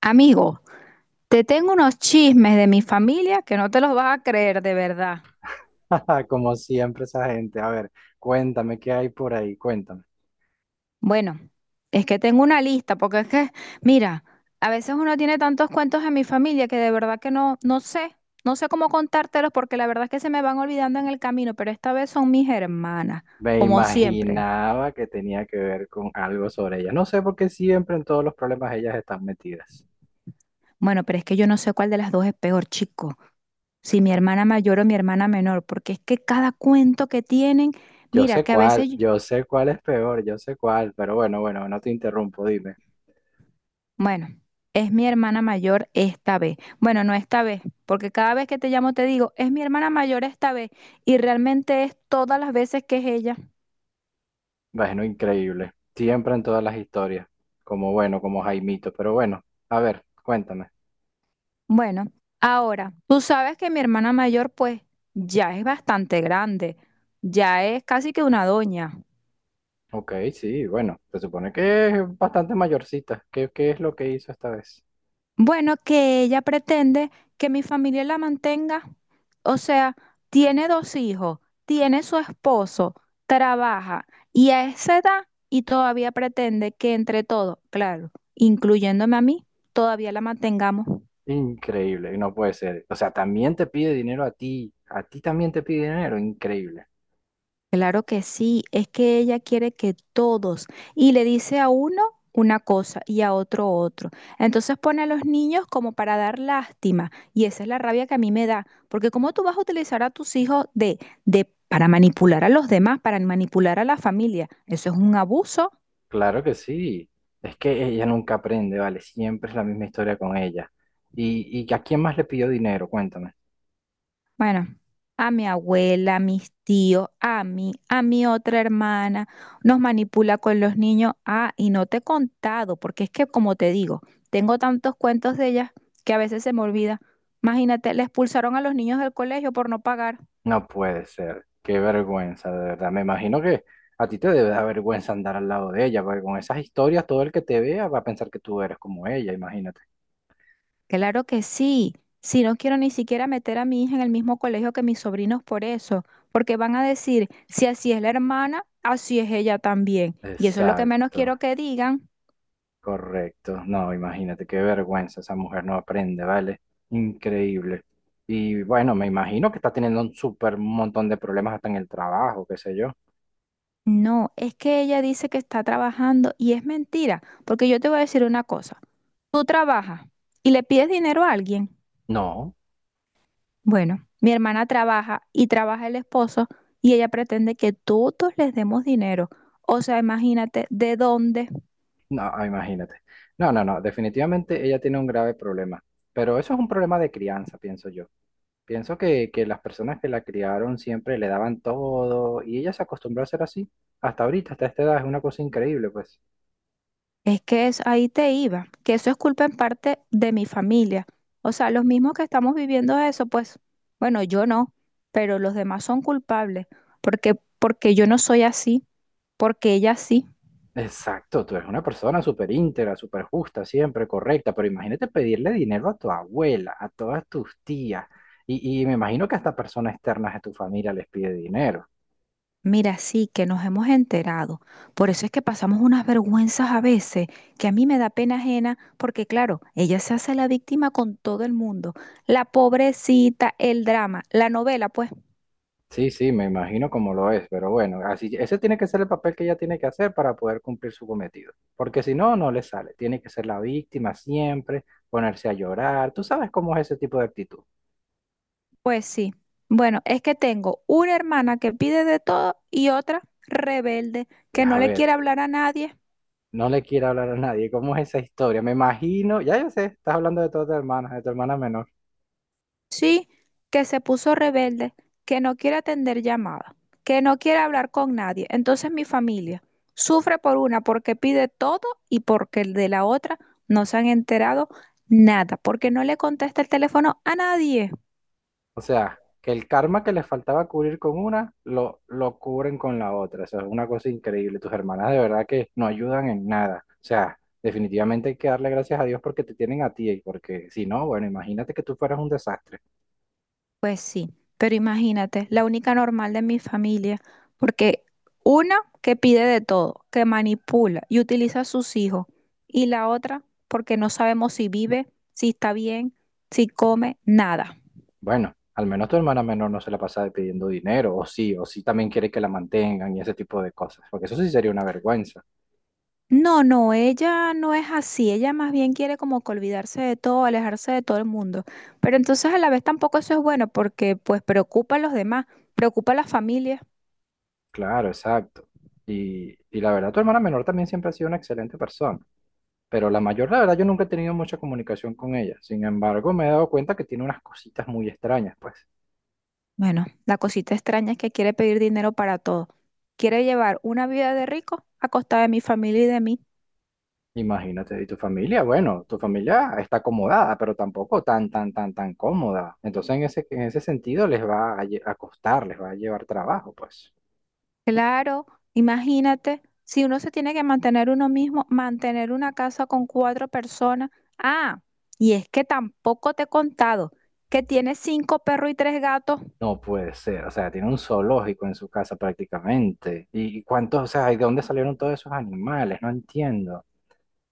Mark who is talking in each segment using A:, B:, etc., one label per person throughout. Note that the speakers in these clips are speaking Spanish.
A: Amigo, te tengo unos chismes de mi familia que no te los vas a creer de verdad.
B: Como siempre esa gente. A ver, cuéntame qué hay por ahí, cuéntame.
A: Bueno, es que tengo una lista, porque es que, mira, a veces uno tiene tantos cuentos en mi familia que de verdad que no sé, no sé cómo contártelos porque la verdad es que se me van olvidando en el camino, pero esta vez son mis hermanas,
B: Me
A: como siempre.
B: imaginaba que tenía que ver con algo sobre ella. No sé por qué siempre en todos los problemas ellas están metidas.
A: Bueno, pero es que yo no sé cuál de las dos es peor, chico, si mi hermana mayor o mi hermana menor, porque es que cada cuento que tienen,
B: Yo
A: mira,
B: sé
A: que
B: cuál, yo sé cuál es peor, yo sé cuál, pero bueno, no te interrumpo, dime.
A: Bueno, es mi hermana mayor esta vez. Bueno, no esta vez, porque cada vez que te llamo te digo, es mi hermana mayor esta vez, y realmente es todas las veces que es ella.
B: Bueno, increíble. Siempre en todas las historias. Como bueno, como Jaimito, pero bueno, a ver, cuéntame.
A: Bueno, ahora, tú sabes que mi hermana mayor pues ya es bastante grande, ya es casi que una doña.
B: Ok, sí, bueno, se supone que es bastante mayorcita. ¿Qué es lo que hizo esta vez?
A: Bueno, que ella pretende que mi familia la mantenga. O sea, tiene 2 hijos, tiene su esposo, trabaja y a esa edad y todavía pretende que entre todos, claro, incluyéndome a mí, todavía la mantengamos.
B: Increíble, no puede ser. O sea, también te pide dinero a ti también te pide dinero, increíble.
A: Claro que sí, es que ella quiere que todos, y le dice a uno una cosa y a otro otro. Entonces pone a los niños como para dar lástima, y esa es la rabia que a mí me da, porque cómo tú vas a utilizar a tus hijos de para manipular a los demás, para manipular a la familia, eso es un abuso.
B: Claro que sí. Es que ella nunca aprende, vale, siempre es la misma historia con ella. ¿Y a quién más le pidió dinero? Cuéntame.
A: Bueno, a mi abuela, a mis tíos, a mí, a mi otra hermana, nos manipula con los niños. Ah, y no te he contado, porque es que como te digo, tengo tantos cuentos de ellas que a veces se me olvida. Imagínate, le expulsaron a los niños del colegio por no pagar.
B: No puede ser, qué vergüenza, de verdad. Me imagino que a ti te debe dar vergüenza andar al lado de ella, porque con esas historias todo el que te vea va a pensar que tú eres como ella, imagínate.
A: Claro que sí, si no quiero ni siquiera meter a mi hija en el mismo colegio que mis sobrinos por eso, porque van a decir, si así es la hermana, así es ella también. Y eso es lo que menos quiero
B: Exacto.
A: que digan.
B: Correcto, no, imagínate qué vergüenza, esa mujer no aprende, ¿vale? Increíble. Y bueno, me imagino que está teniendo un súper montón de problemas hasta en el trabajo, qué sé yo.
A: No, es que ella dice que está trabajando y es mentira, porque yo te voy a decir una cosa. Tú trabajas y le pides dinero a alguien.
B: No,
A: Bueno, mi hermana trabaja y trabaja el esposo y ella pretende que todos les demos dinero. O sea, imagínate de dónde.
B: no, imagínate. No, no, no, definitivamente ella tiene un grave problema, pero eso es un problema de crianza, pienso yo. Pienso que las personas que la criaron siempre le daban todo y ella se acostumbró a ser así. Hasta ahorita, hasta esta edad, es una cosa increíble, pues.
A: Es que es, ahí te iba, que eso es culpa en parte de mi familia. O sea, los mismos que estamos viviendo eso, pues, bueno, yo no, pero los demás son culpables, porque yo no soy así, porque ella sí.
B: Exacto, tú eres una persona súper íntegra, súper justa, siempre correcta, pero imagínate pedirle dinero a tu abuela, a todas tus tías, y me imagino que hasta personas externas de tu familia les pide dinero.
A: Mira, sí, que nos hemos enterado. Por eso es que pasamos unas vergüenzas a veces, que a mí me da pena ajena, porque claro, ella se hace la víctima con todo el mundo. La pobrecita, el drama, la novela, pues,
B: Sí, sí, me imagino cómo lo es, pero bueno, así, ese tiene que ser el papel que ella tiene que hacer para poder cumplir su cometido, porque si no, no le sale, tiene que ser la víctima siempre, ponerse a llorar, tú sabes cómo es ese tipo de actitud.
A: pues sí. Bueno, es que tengo una hermana que pide de todo y otra rebelde,
B: Y
A: que
B: a
A: no le
B: ver,
A: quiere hablar a nadie.
B: no le quiero hablar a nadie, ¿cómo es esa historia? Me imagino, ya yo sé, estás hablando de todas tus hermanas, de tu hermana menor.
A: Sí, que se puso rebelde, que no quiere atender llamadas, que no quiere hablar con nadie. Entonces mi familia sufre por una porque pide todo y porque el de la otra no se han enterado nada, porque no le contesta el teléfono a nadie.
B: O sea, que el karma que les faltaba cubrir con una, lo cubren con la otra. O sea, es una cosa increíble. Tus hermanas de verdad que no ayudan en nada. O sea, definitivamente hay que darle gracias a Dios porque te tienen a ti y porque si no, bueno, imagínate que tú fueras un desastre.
A: Pues sí, pero imagínate, la única normal de mi familia, porque una que pide de todo, que manipula y utiliza a sus hijos, y la otra porque no sabemos si vive, si está bien, si come, nada.
B: Bueno, al menos tu hermana menor no se la pasa de pidiendo dinero, o sí también quiere que la mantengan y ese tipo de cosas, porque eso sí sería una vergüenza.
A: No, no, ella no es así, ella más bien quiere como que olvidarse de todo, alejarse de todo el mundo, pero entonces a la vez tampoco eso es bueno porque pues preocupa a los demás, preocupa a las familias.
B: Claro, exacto. Y la verdad, tu hermana menor también siempre ha sido una excelente persona. Pero la mayor, la verdad, yo nunca he tenido mucha comunicación con ella. Sin embargo, me he dado cuenta que tiene unas cositas muy extrañas, pues.
A: Bueno, la cosita extraña es que quiere pedir dinero para todo, quiere llevar una vida de rico a costa de mi familia y de mí.
B: Imagínate, y tu familia, bueno, tu familia está acomodada, pero tampoco tan cómoda. Entonces, en ese sentido, les va a, lle- a costar, les va a llevar trabajo, pues.
A: Claro, imagínate, si uno se tiene que mantener uno mismo, mantener una casa con 4 personas. Ah, y es que tampoco te he contado que tiene 5 perros y 3 gatos.
B: No puede ser, o sea, tiene un zoológico en su casa prácticamente. ¿Y cuántos, o sea, y de dónde salieron todos esos animales? No entiendo.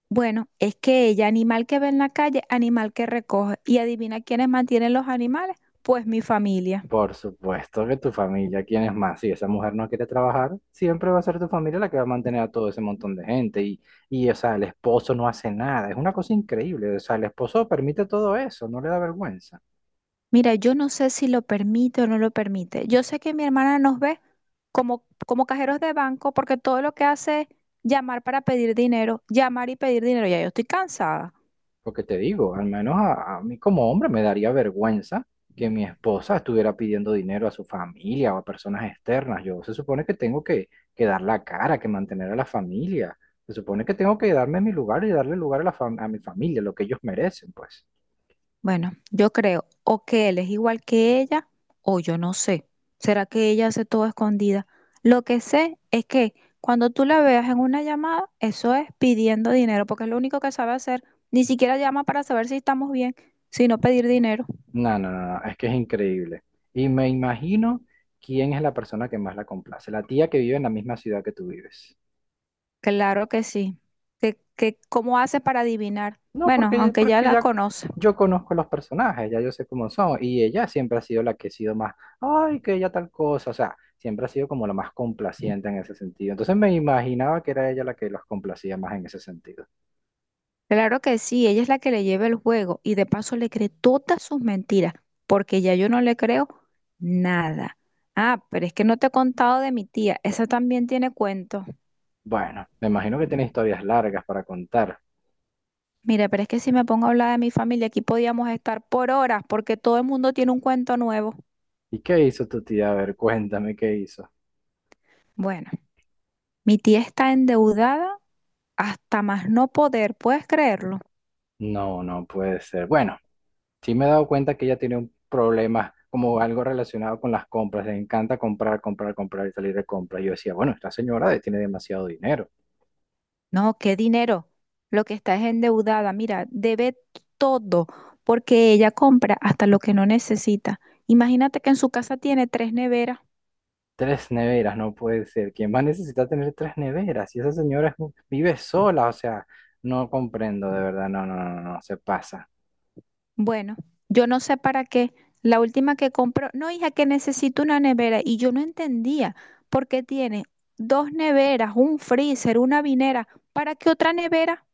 A: Bueno, es que ella, animal que ve en la calle, animal que recoge. Y adivina quiénes mantienen los animales, pues mi familia.
B: Por supuesto que tu familia, ¿quién es más? Si esa mujer no quiere trabajar, siempre va a ser tu familia la que va a mantener a todo ese montón de gente. Y, o sea, el esposo no hace nada. Es una cosa increíble. O sea, el esposo permite todo eso, no le da vergüenza.
A: Mira, yo no sé si lo permite o no lo permite. Yo sé que mi hermana nos ve como cajeros de banco porque todo lo que hace es llamar para pedir dinero, llamar y pedir dinero. Ya yo estoy cansada.
B: Porque te digo, al menos a mí como hombre me daría vergüenza que mi esposa estuviera pidiendo dinero a su familia o a personas externas. Yo se supone que tengo que dar la cara, que mantener a la familia. Se supone que tengo que darme mi lugar y darle lugar a, a mi familia, lo que ellos merecen, pues.
A: Bueno, yo creo o que él es igual que ella o yo no sé. ¿Será que ella hace todo escondida? Lo que sé es que cuando tú la veas en una llamada, eso es pidiendo dinero, porque es lo único que sabe hacer. Ni siquiera llama para saber si estamos bien, sino pedir dinero.
B: No, no, no, no, es que es increíble. Y me imagino quién es la persona que más la complace, la tía que vive en la misma ciudad que tú vives.
A: Claro que sí. Que cómo hace para adivinar?
B: No,
A: Bueno,
B: porque,
A: aunque ya
B: porque
A: la
B: ya
A: conoce.
B: yo conozco los personajes, ya yo sé cómo son, y ella siempre ha sido la que ha sido más, ay, que ella tal cosa, o sea, siempre ha sido como la más complaciente en ese sentido. Entonces me imaginaba que era ella la que los complacía más en ese sentido.
A: Claro que sí, ella es la que le lleva el juego y de paso le cree todas sus mentiras, porque ya yo no le creo nada. Ah, pero es que no te he contado de mi tía, esa también tiene cuentos.
B: Bueno, me imagino que tiene historias largas para contar.
A: Mira, pero es que si me pongo a hablar de mi familia, aquí podíamos estar por horas, porque todo el mundo tiene un cuento nuevo.
B: ¿Y qué hizo tu tía? A ver, cuéntame qué hizo.
A: Bueno, mi tía está endeudada hasta más no poder, ¿puedes creerlo?
B: No, no puede ser. Bueno. Sí me he dado cuenta que ella tiene un problema como algo relacionado con las compras. Le encanta comprar, comprar, comprar y salir de compra. Yo decía, bueno, esta señora tiene demasiado dinero.
A: No, qué dinero. Lo que está es endeudada. Mira, debe todo porque ella compra hasta lo que no necesita. Imagínate que en su casa tiene 3 neveras.
B: Tres neveras, no puede ser. ¿Quién más necesita tener tres neveras? Y esa señora vive sola, o sea, no comprendo, de verdad, no, no, no, no, no, se pasa.
A: Bueno, yo no sé para qué. La última que compró, no, hija, que necesito una nevera. Y yo no entendía por qué tiene 2 neveras, un freezer, una vinera. ¿Para qué otra nevera?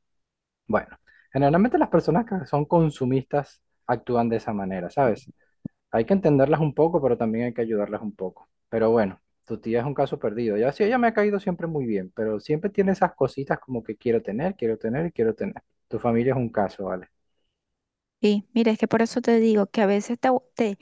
B: Bueno, generalmente las personas que son consumistas actúan de esa manera, ¿sabes? Hay que entenderlas un poco, pero también hay que ayudarlas un poco. Pero bueno, tu tía es un caso perdido. Ya sí, ella me ha caído siempre muy bien, pero siempre tiene esas cositas como que quiero tener y quiero tener. Tu familia es un caso, ¿vale?
A: Sí, mira, es que por eso te digo que a veces te-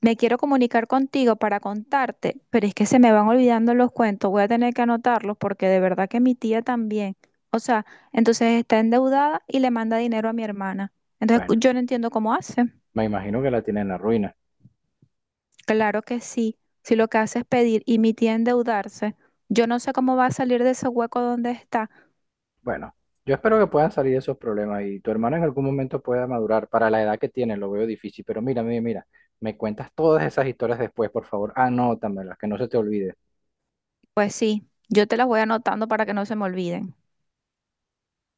A: me quiero comunicar contigo para contarte, pero es que se me van olvidando los cuentos, voy a tener que anotarlos porque de verdad que mi tía también, o sea, entonces está endeudada y le manda dinero a mi hermana. Entonces
B: Bueno,
A: yo no entiendo cómo hace.
B: me imagino que la tiene en la ruina.
A: Claro que sí, si lo que hace es pedir y mi tía endeudarse, yo no sé cómo va a salir de ese hueco donde está.
B: Bueno, yo espero que puedan salir de esos problemas y tu hermano en algún momento pueda madurar. Para la edad que tiene, lo veo difícil, pero mira, mira, mira, me cuentas todas esas historias después, por favor. Anótamelas, que no se te olvide.
A: Pues sí, yo te las voy anotando para que no se me olviden.